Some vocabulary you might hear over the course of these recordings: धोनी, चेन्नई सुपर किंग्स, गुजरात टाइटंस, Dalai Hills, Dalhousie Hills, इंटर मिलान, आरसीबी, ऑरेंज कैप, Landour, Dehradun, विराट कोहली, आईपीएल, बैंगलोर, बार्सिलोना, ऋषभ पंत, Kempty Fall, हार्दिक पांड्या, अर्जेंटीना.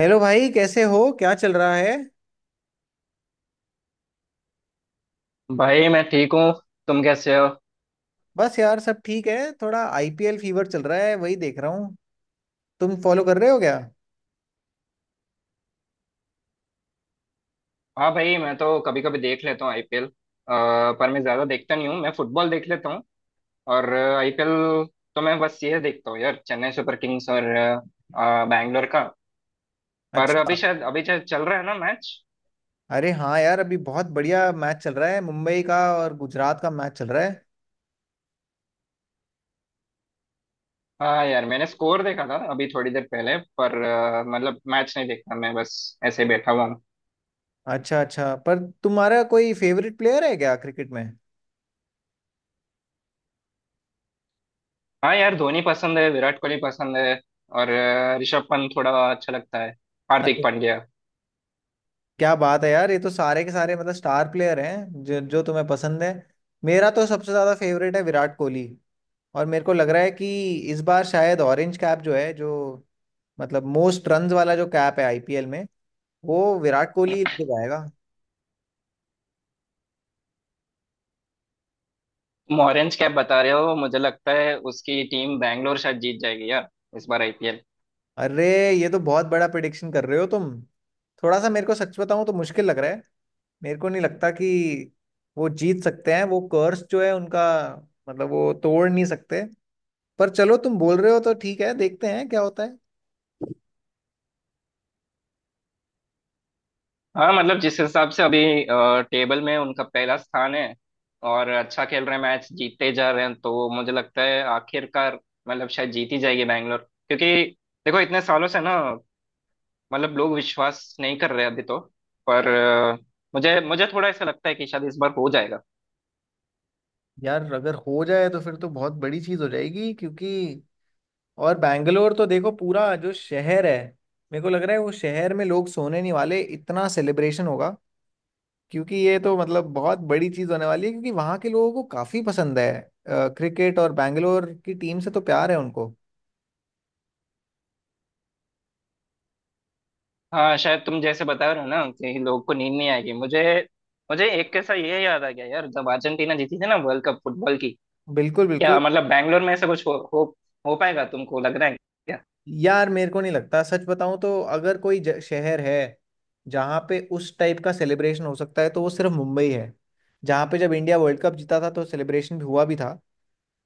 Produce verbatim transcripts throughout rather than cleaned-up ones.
Hello भाई, कैसे हो? क्या चल रहा है? भाई मैं ठीक हूँ। तुम कैसे हो? बस यार, सब ठीक है। थोड़ा आई पी एल फीवर चल रहा है, वही देख रहा हूँ। तुम फॉलो कर रहे हो क्या? हाँ भाई, मैं तो कभी कभी देख लेता हूँ आई पी एल। पर मैं ज्यादा देखता नहीं हूँ, मैं फुटबॉल देख लेता हूँ और आई पी एल। तो मैं बस ये देखता हूँ यार, चेन्नई सुपर किंग्स और अ, बैंगलोर का। पर अभी अच्छा। शायद अभी शायद चल रहा है ना मैच। अरे हाँ यार, अभी बहुत बढ़िया मैच चल रहा है। मुंबई का और गुजरात का मैच चल रहा है। हाँ यार, मैंने स्कोर देखा था अभी थोड़ी देर पहले। पर अ, मतलब मैच नहीं देखता, मैं बस ऐसे ही बैठा हुआ हूँ। अच्छा अच्छा, पर तुम्हारा कोई फेवरेट प्लेयर है क्या क्रिकेट में? हाँ यार, धोनी पसंद है, विराट कोहली पसंद है और अ, ऋषभ पंत थोड़ा अच्छा लगता है। हार्दिक अरे, पांड्या। क्या बात है यार! ये तो सारे के सारे मतलब स्टार प्लेयर हैं जो जो तुम्हें पसंद है। मेरा तो सबसे ज्यादा फेवरेट है विराट कोहली। और मेरे को लग रहा है कि इस बार शायद ऑरेंज कैप जो है, जो मतलब मोस्ट रन्स वाला जो कैप है आई पी एल में, वो विराट कोहली लगाएगा। तुम ऑरेंज कैप बता रहे हो, मुझे लगता है उसकी टीम बैंगलोर शायद जीत जाएगी यार, इस बार आई पी एल। अरे, ये तो बहुत बड़ा प्रिडिक्शन कर रहे हो तुम। थोड़ा सा मेरे को सच बताऊं तो मुश्किल लग रहा है। मेरे को नहीं लगता कि वो जीत सकते हैं। वो कर्स जो है उनका, मतलब वो तोड़ नहीं सकते। पर चलो, तुम बोल रहे हो तो ठीक है, देखते हैं क्या होता है। हाँ मतलब जिस हिसाब से अभी टेबल में उनका पहला स्थान है और अच्छा खेल रहे हैं, मैच जीतते जा रहे हैं, तो मुझे लगता है आखिरकार मतलब शायद जीत ही जाएगी बैंगलोर। क्योंकि देखो, इतने सालों से ना मतलब लोग विश्वास नहीं कर रहे अभी तो। पर अ, मुझे मुझे थोड़ा ऐसा लगता है कि शायद इस बार हो जाएगा। यार अगर हो जाए तो फिर तो बहुत बड़ी चीज हो जाएगी, क्योंकि और बैंगलोर तो देखो पूरा जो शहर है, मेरे को लग रहा है वो शहर में लोग सोने नहीं वाले, इतना सेलिब्रेशन होगा। क्योंकि ये तो मतलब बहुत बड़ी चीज होने वाली है, क्योंकि वहां के लोगों को काफी पसंद है अ, क्रिकेट, और बैंगलोर की टीम से तो प्यार है उनको। हाँ शायद तुम जैसे बता रहे हो ना कि लोग को नींद नहीं आएगी। मुझे मुझे एक कैसा ये याद आ गया यार, जब अर्जेंटीना जीती थी ना वर्ल्ड कप फुटबॉल की। बिल्कुल बिल्कुल। क्या मतलब बैंगलोर में ऐसा कुछ हो, हो, हो पाएगा, तुमको लग रहा है क्या? यार मेरे को नहीं लगता, सच बताऊं तो अगर कोई ज- शहर है जहाँ पे उस टाइप का सेलिब्रेशन हो सकता है तो वो सिर्फ मुंबई है। जहाँ पे जब इंडिया वर्ल्ड कप जीता था तो सेलिब्रेशन भी हुआ भी था।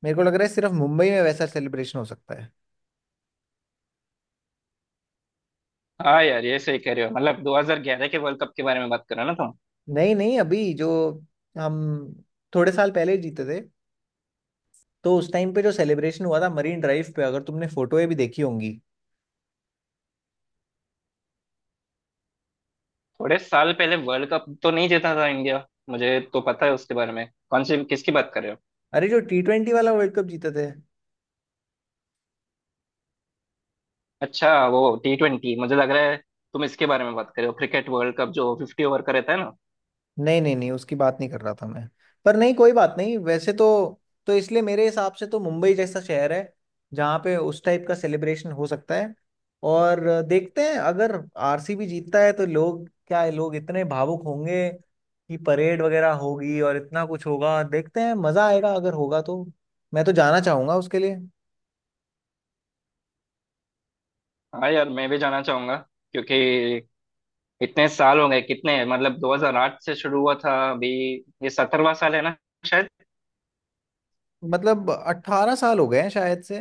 मेरे को लग रहा है सिर्फ मुंबई में वैसा सेलिब्रेशन हो सकता है। हाँ यार, ये सही कह रहे हो। मतलब दो हज़ार ग्यारह के वर्ल्ड कप के बारे में बात कर रहे हो ना तुम? नहीं नहीं, अभी जो हम थोड़े साल पहले जीते थे, तो उस टाइम पे जो सेलिब्रेशन हुआ था मरीन ड्राइव पे, अगर तुमने फोटोएं भी देखी होंगी। थोड़े साल पहले वर्ल्ड कप तो नहीं जीता था इंडिया, मुझे तो पता है उसके बारे में। कौन सी किसकी बात कर रहे हो? अरे, जो टी ट्वेंटी वाला वर्ल्ड कप जीते थे। अच्छा वो टी ट्वेंटी, मुझे लग रहा है तुम इसके बारे में बात कर रहे हो। क्रिकेट वर्ल्ड कप जो फिफ्टी ओवर का रहता है ना। नहीं नहीं नहीं, उसकी बात नहीं कर रहा था मैं। पर नहीं, कोई बात नहीं वैसे तो। तो इसलिए मेरे हिसाब से तो मुंबई जैसा शहर है जहाँ पे उस टाइप का सेलिब्रेशन हो सकता है। और देखते हैं, अगर आर सी बी जीतता है तो लोग क्या है, लोग इतने भावुक होंगे कि परेड वगैरह होगी और इतना कुछ होगा। देखते हैं, मजा आएगा अगर होगा तो। मैं तो जाना चाहूंगा उसके लिए। हाँ यार, मैं भी जाना चाहूंगा क्योंकि इतने साल हो गए। कितने, मतलब दो हज़ार आठ से शुरू हुआ था। अभी ये सत्रहवां साल है ना, शायद। मतलब अट्ठारह साल हो गए हैं शायद से।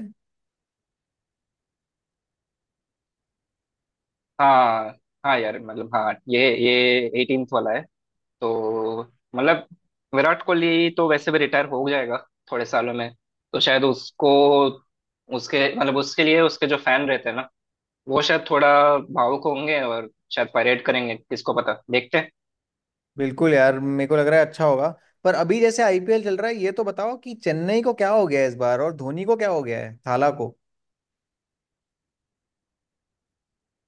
हाँ हाँ यार, मतलब हाँ ये ये एटीन्थ वाला है तो। मतलब विराट कोहली तो वैसे भी रिटायर हो जाएगा थोड़े सालों में। तो शायद उसको उसके मतलब उसके लिए उसके जो फैन रहते हैं ना, वो शायद थोड़ा भावुक होंगे और शायद परेड करेंगे, किसको पता। देखते बिल्कुल यार, मेरे को लग रहा है अच्छा होगा। पर अभी जैसे आई पी एल चल रहा है, ये तो बताओ कि चेन्नई को क्या हो गया है इस बार, और धोनी को क्या हो गया है थाला को?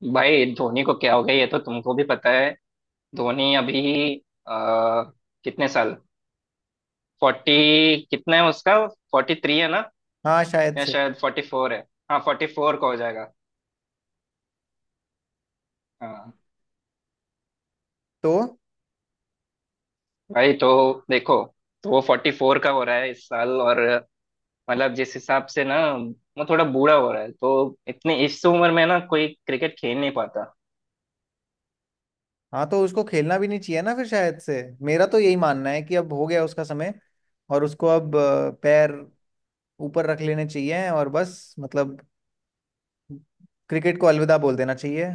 हैं भाई, धोनी को क्या हो गया ये तो तुमको भी पता है। धोनी अभी आ, कितने साल, फोर्टी कितना है उसका? फोर्टी थ्री है ना? हाँ शायद या से। शायद फोर्टी फोर है। हाँ, फोर्टी फोर का हो जाएगा। हाँ तो भाई, तो देखो, तो वो फोर्टी फोर का हो रहा है इस साल। और मतलब जिस हिसाब से ना वो थोड़ा बूढ़ा हो रहा है, तो इतनी इस उम्र में ना कोई क्रिकेट खेल नहीं पाता। हाँ, तो उसको खेलना भी नहीं चाहिए ना फिर, शायद से मेरा तो यही मानना है कि अब हो गया उसका समय। और उसको अब अ, पैर ऊपर रख लेने चाहिए, और बस मतलब क्रिकेट को अलविदा बोल देना चाहिए।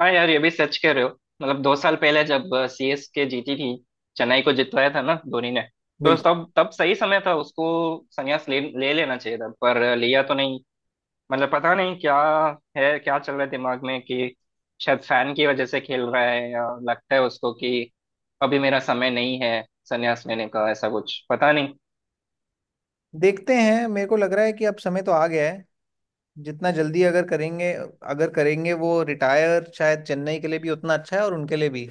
हाँ यार, ये भी सच कह रहे हो। मतलब दो साल पहले जब सी एस के जीती थी, चेन्नई को जितवाया था ना धोनी ने, तो बिल्कुल। तब तब सही समय था उसको संन्यास ले ले लेना चाहिए था, पर लिया तो नहीं। मतलब पता नहीं क्या है, क्या चल रहा है दिमाग में कि शायद फैन की वजह से खेल रहा है, या लगता है उसको कि अभी मेरा समय नहीं है संन्यास लेने का। ऐसा कुछ, पता नहीं। देखते हैं, मेरे को लग रहा है कि अब समय तो आ गया है। जितना जल्दी अगर करेंगे अगर करेंगे वो रिटायर, शायद चेन्नई के लिए भी उतना अच्छा है और उनके लिए भी।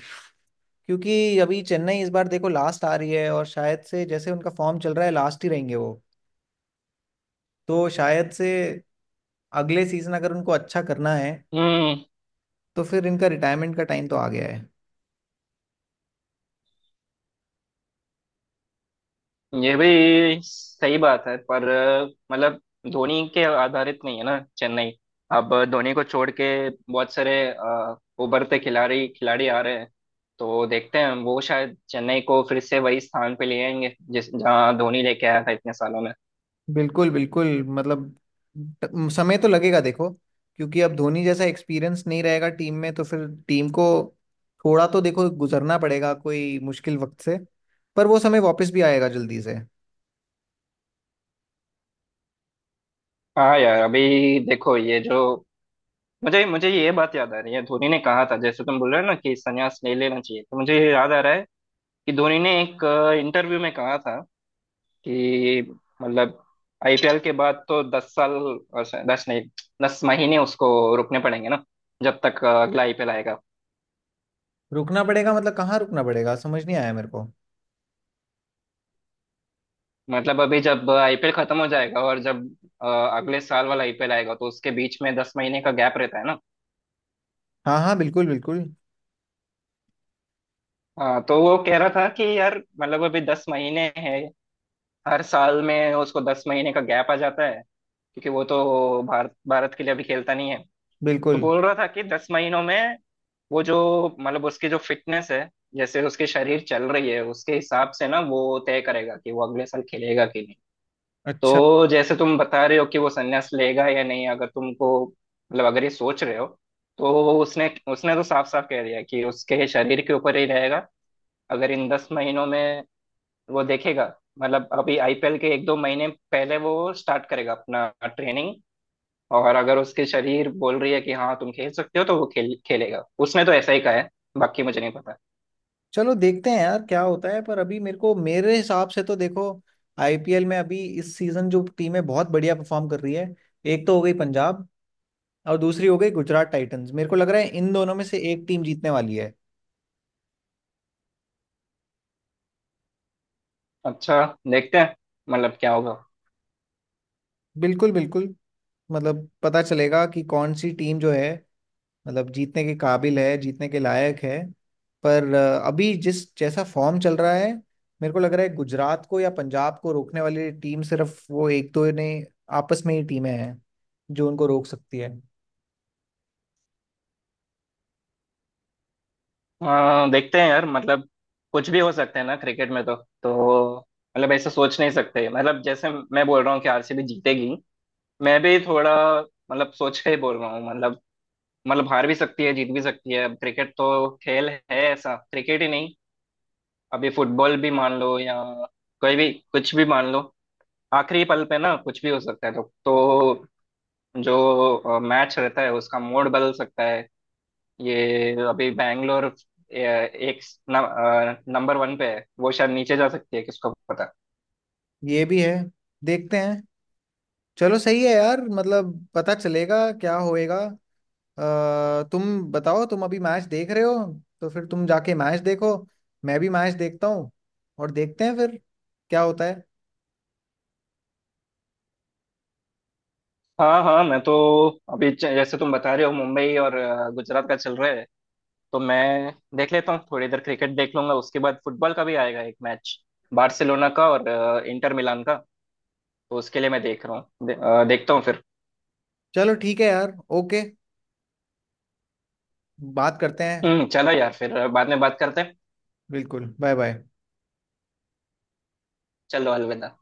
क्योंकि अभी चेन्नई इस बार देखो लास्ट आ रही है, और शायद से जैसे उनका फॉर्म चल रहा है, लास्ट ही रहेंगे वो। तो शायद से अगले सीजन अगर उनको अच्छा करना है हम्म, तो फिर इनका रिटायरमेंट का टाइम तो आ गया है। ये भी सही बात है, पर मतलब धोनी के आधारित नहीं है ना चेन्नई। अब धोनी को छोड़ के बहुत सारे अ, उभरते खिलाड़ी खिलाड़ी आ रहे हैं। तो देखते हैं, वो शायद चेन्नई को फिर से वही स्थान पे ले आएंगे जिस जहाँ धोनी लेके आया था इतने सालों में। बिल्कुल बिल्कुल, मतलब ट- समय तो लगेगा देखो। क्योंकि अब धोनी जैसा एक्सपीरियंस नहीं रहेगा टीम में, तो फिर टीम को थोड़ा तो देखो गुजरना पड़ेगा कोई मुश्किल वक्त से। पर वो समय वापस भी आएगा जल्दी से। हाँ यार, अभी देखो ये जो मुझे मुझे ये बात याद आ रही है। धोनी ने कहा था, जैसे तुम बोल रहे हो ना कि संन्यास नहीं लेना चाहिए, तो मुझे ये याद आ रहा है कि धोनी ने एक इंटरव्यू में कहा था कि मतलब आईपीएल के बाद तो दस साल और शायद- दस नहीं, दस महीने उसको रुकने पड़ेंगे ना, जब तक अ, अगला आई पी एल आएगा। रुकना पड़ेगा मतलब कहाँ रुकना पड़ेगा, समझ नहीं आया मेरे को। मतलब अभी जब आई पी एल खत्म हो जाएगा और जब अ, अगले साल वाला आई पी एल आएगा, तो उसके बीच में दस महीने का गैप रहता है ना। हाँ हाँ, बिल्कुल बिल्कुल। हाँ तो वो कह रहा था कि यार मतलब अभी दस महीने हैं, हर साल में उसको दस महीने का गैप आ जाता है, क्योंकि वो तो भारत भारत के लिए अभी खेलता नहीं है। तो बिल्कुल। बोल रहा था कि दस महीनों में वो जो मतलब उसकी जो फिटनेस है, जैसे उसके शरीर चल रही है उसके हिसाब से ना वो तय करेगा कि वो अगले साल खेलेगा कि नहीं। अच्छा। तो जैसे तुम बता रहे हो कि वो संन्यास लेगा या नहीं, अगर तुमको मतलब अगर ये सोच रहे हो, तो उसने उसने तो साफ साफ कह दिया कि उसके शरीर के ऊपर ही रहेगा। अगर इन दस महीनों में वो देखेगा, मतलब अभी आई पी एल के एक दो महीने पहले वो स्टार्ट करेगा अपना ट्रेनिंग, और अगर उसके शरीर बोल रही है कि हाँ तुम खेल सकते हो, तो वो खेल खेलेगा। उसने तो ऐसा ही कहा है, बाकी मुझे नहीं पता। चलो, देखते हैं यार क्या होता है। पर अभी मेरे को, मेरे हिसाब से तो देखो, आई पी एल में अभी इस सीजन जो टीमें बहुत बढ़िया परफॉर्म कर रही है, एक तो हो गई पंजाब और दूसरी हो गई गुजरात टाइटंस। मेरे को लग रहा है इन दोनों में से एक टीम जीतने वाली है। अच्छा, देखते हैं मतलब क्या होगा। बिल्कुल बिल्कुल। मतलब पता चलेगा कि कौन सी टीम जो है, मतलब जीतने के काबिल है, जीतने के लायक है। पर अ, अभी जिस जैसा फॉर्म चल रहा है, मेरे को लग रहा है गुजरात को या पंजाब को रोकने वाली टीम सिर्फ वो एक दो ने आपस में ही टीमें हैं जो उनको रोक सकती है। हाँ देखते हैं यार, मतलब कुछ भी हो सकता है ना क्रिकेट में। तो तो मतलब ऐसा सोच नहीं सकते, मतलब जैसे मैं बोल रहा हूँ कि आर सी बी जीतेगी, मैं भी थोड़ा मतलब सोच के ही बोल रहा हूँ। मतलब मतलब हार भी सकती है जीत भी सकती है। अब क्रिकेट तो खेल है ऐसा, क्रिकेट ही नहीं, अभी फुटबॉल भी मान लो या कोई भी कुछ भी मान लो, आखिरी पल पे ना कुछ भी हो सकता है। तो तो जो मैच रहता है उसका मोड बदल सकता है। ये अभी बैंगलोर अ, एक नंबर वन पे है, वो शायद नीचे जा सकती है, किसको पता। ये भी है। देखते हैं। चलो सही है यार, मतलब पता चलेगा क्या होएगा। अ, तुम बताओ, तुम अभी मैच देख रहे हो तो फिर तुम जाके मैच देखो, मैं भी मैच देखता हूँ और देखते हैं फिर क्या होता है। हाँ हाँ, मैं तो अभी च- जैसे तुम बता रहे हो मुंबई और अ, गुजरात का चल रहा है। तो मैं देख लेता हूँ थोड़ी देर, क्रिकेट देख लूंगा, उसके बाद फुटबॉल का भी आएगा एक मैच, बार्सिलोना का और अ, इंटर मिलान का। तो उसके लिए मैं देख रहा हूँ दे, अ, देखता हूँ फिर। चलो ठीक है यार, ओके, बात करते हैं। हम्म, चलो यार फिर बाद में बात करते हैं। बिल्कुल, बाय बाय। चलो अलविदा।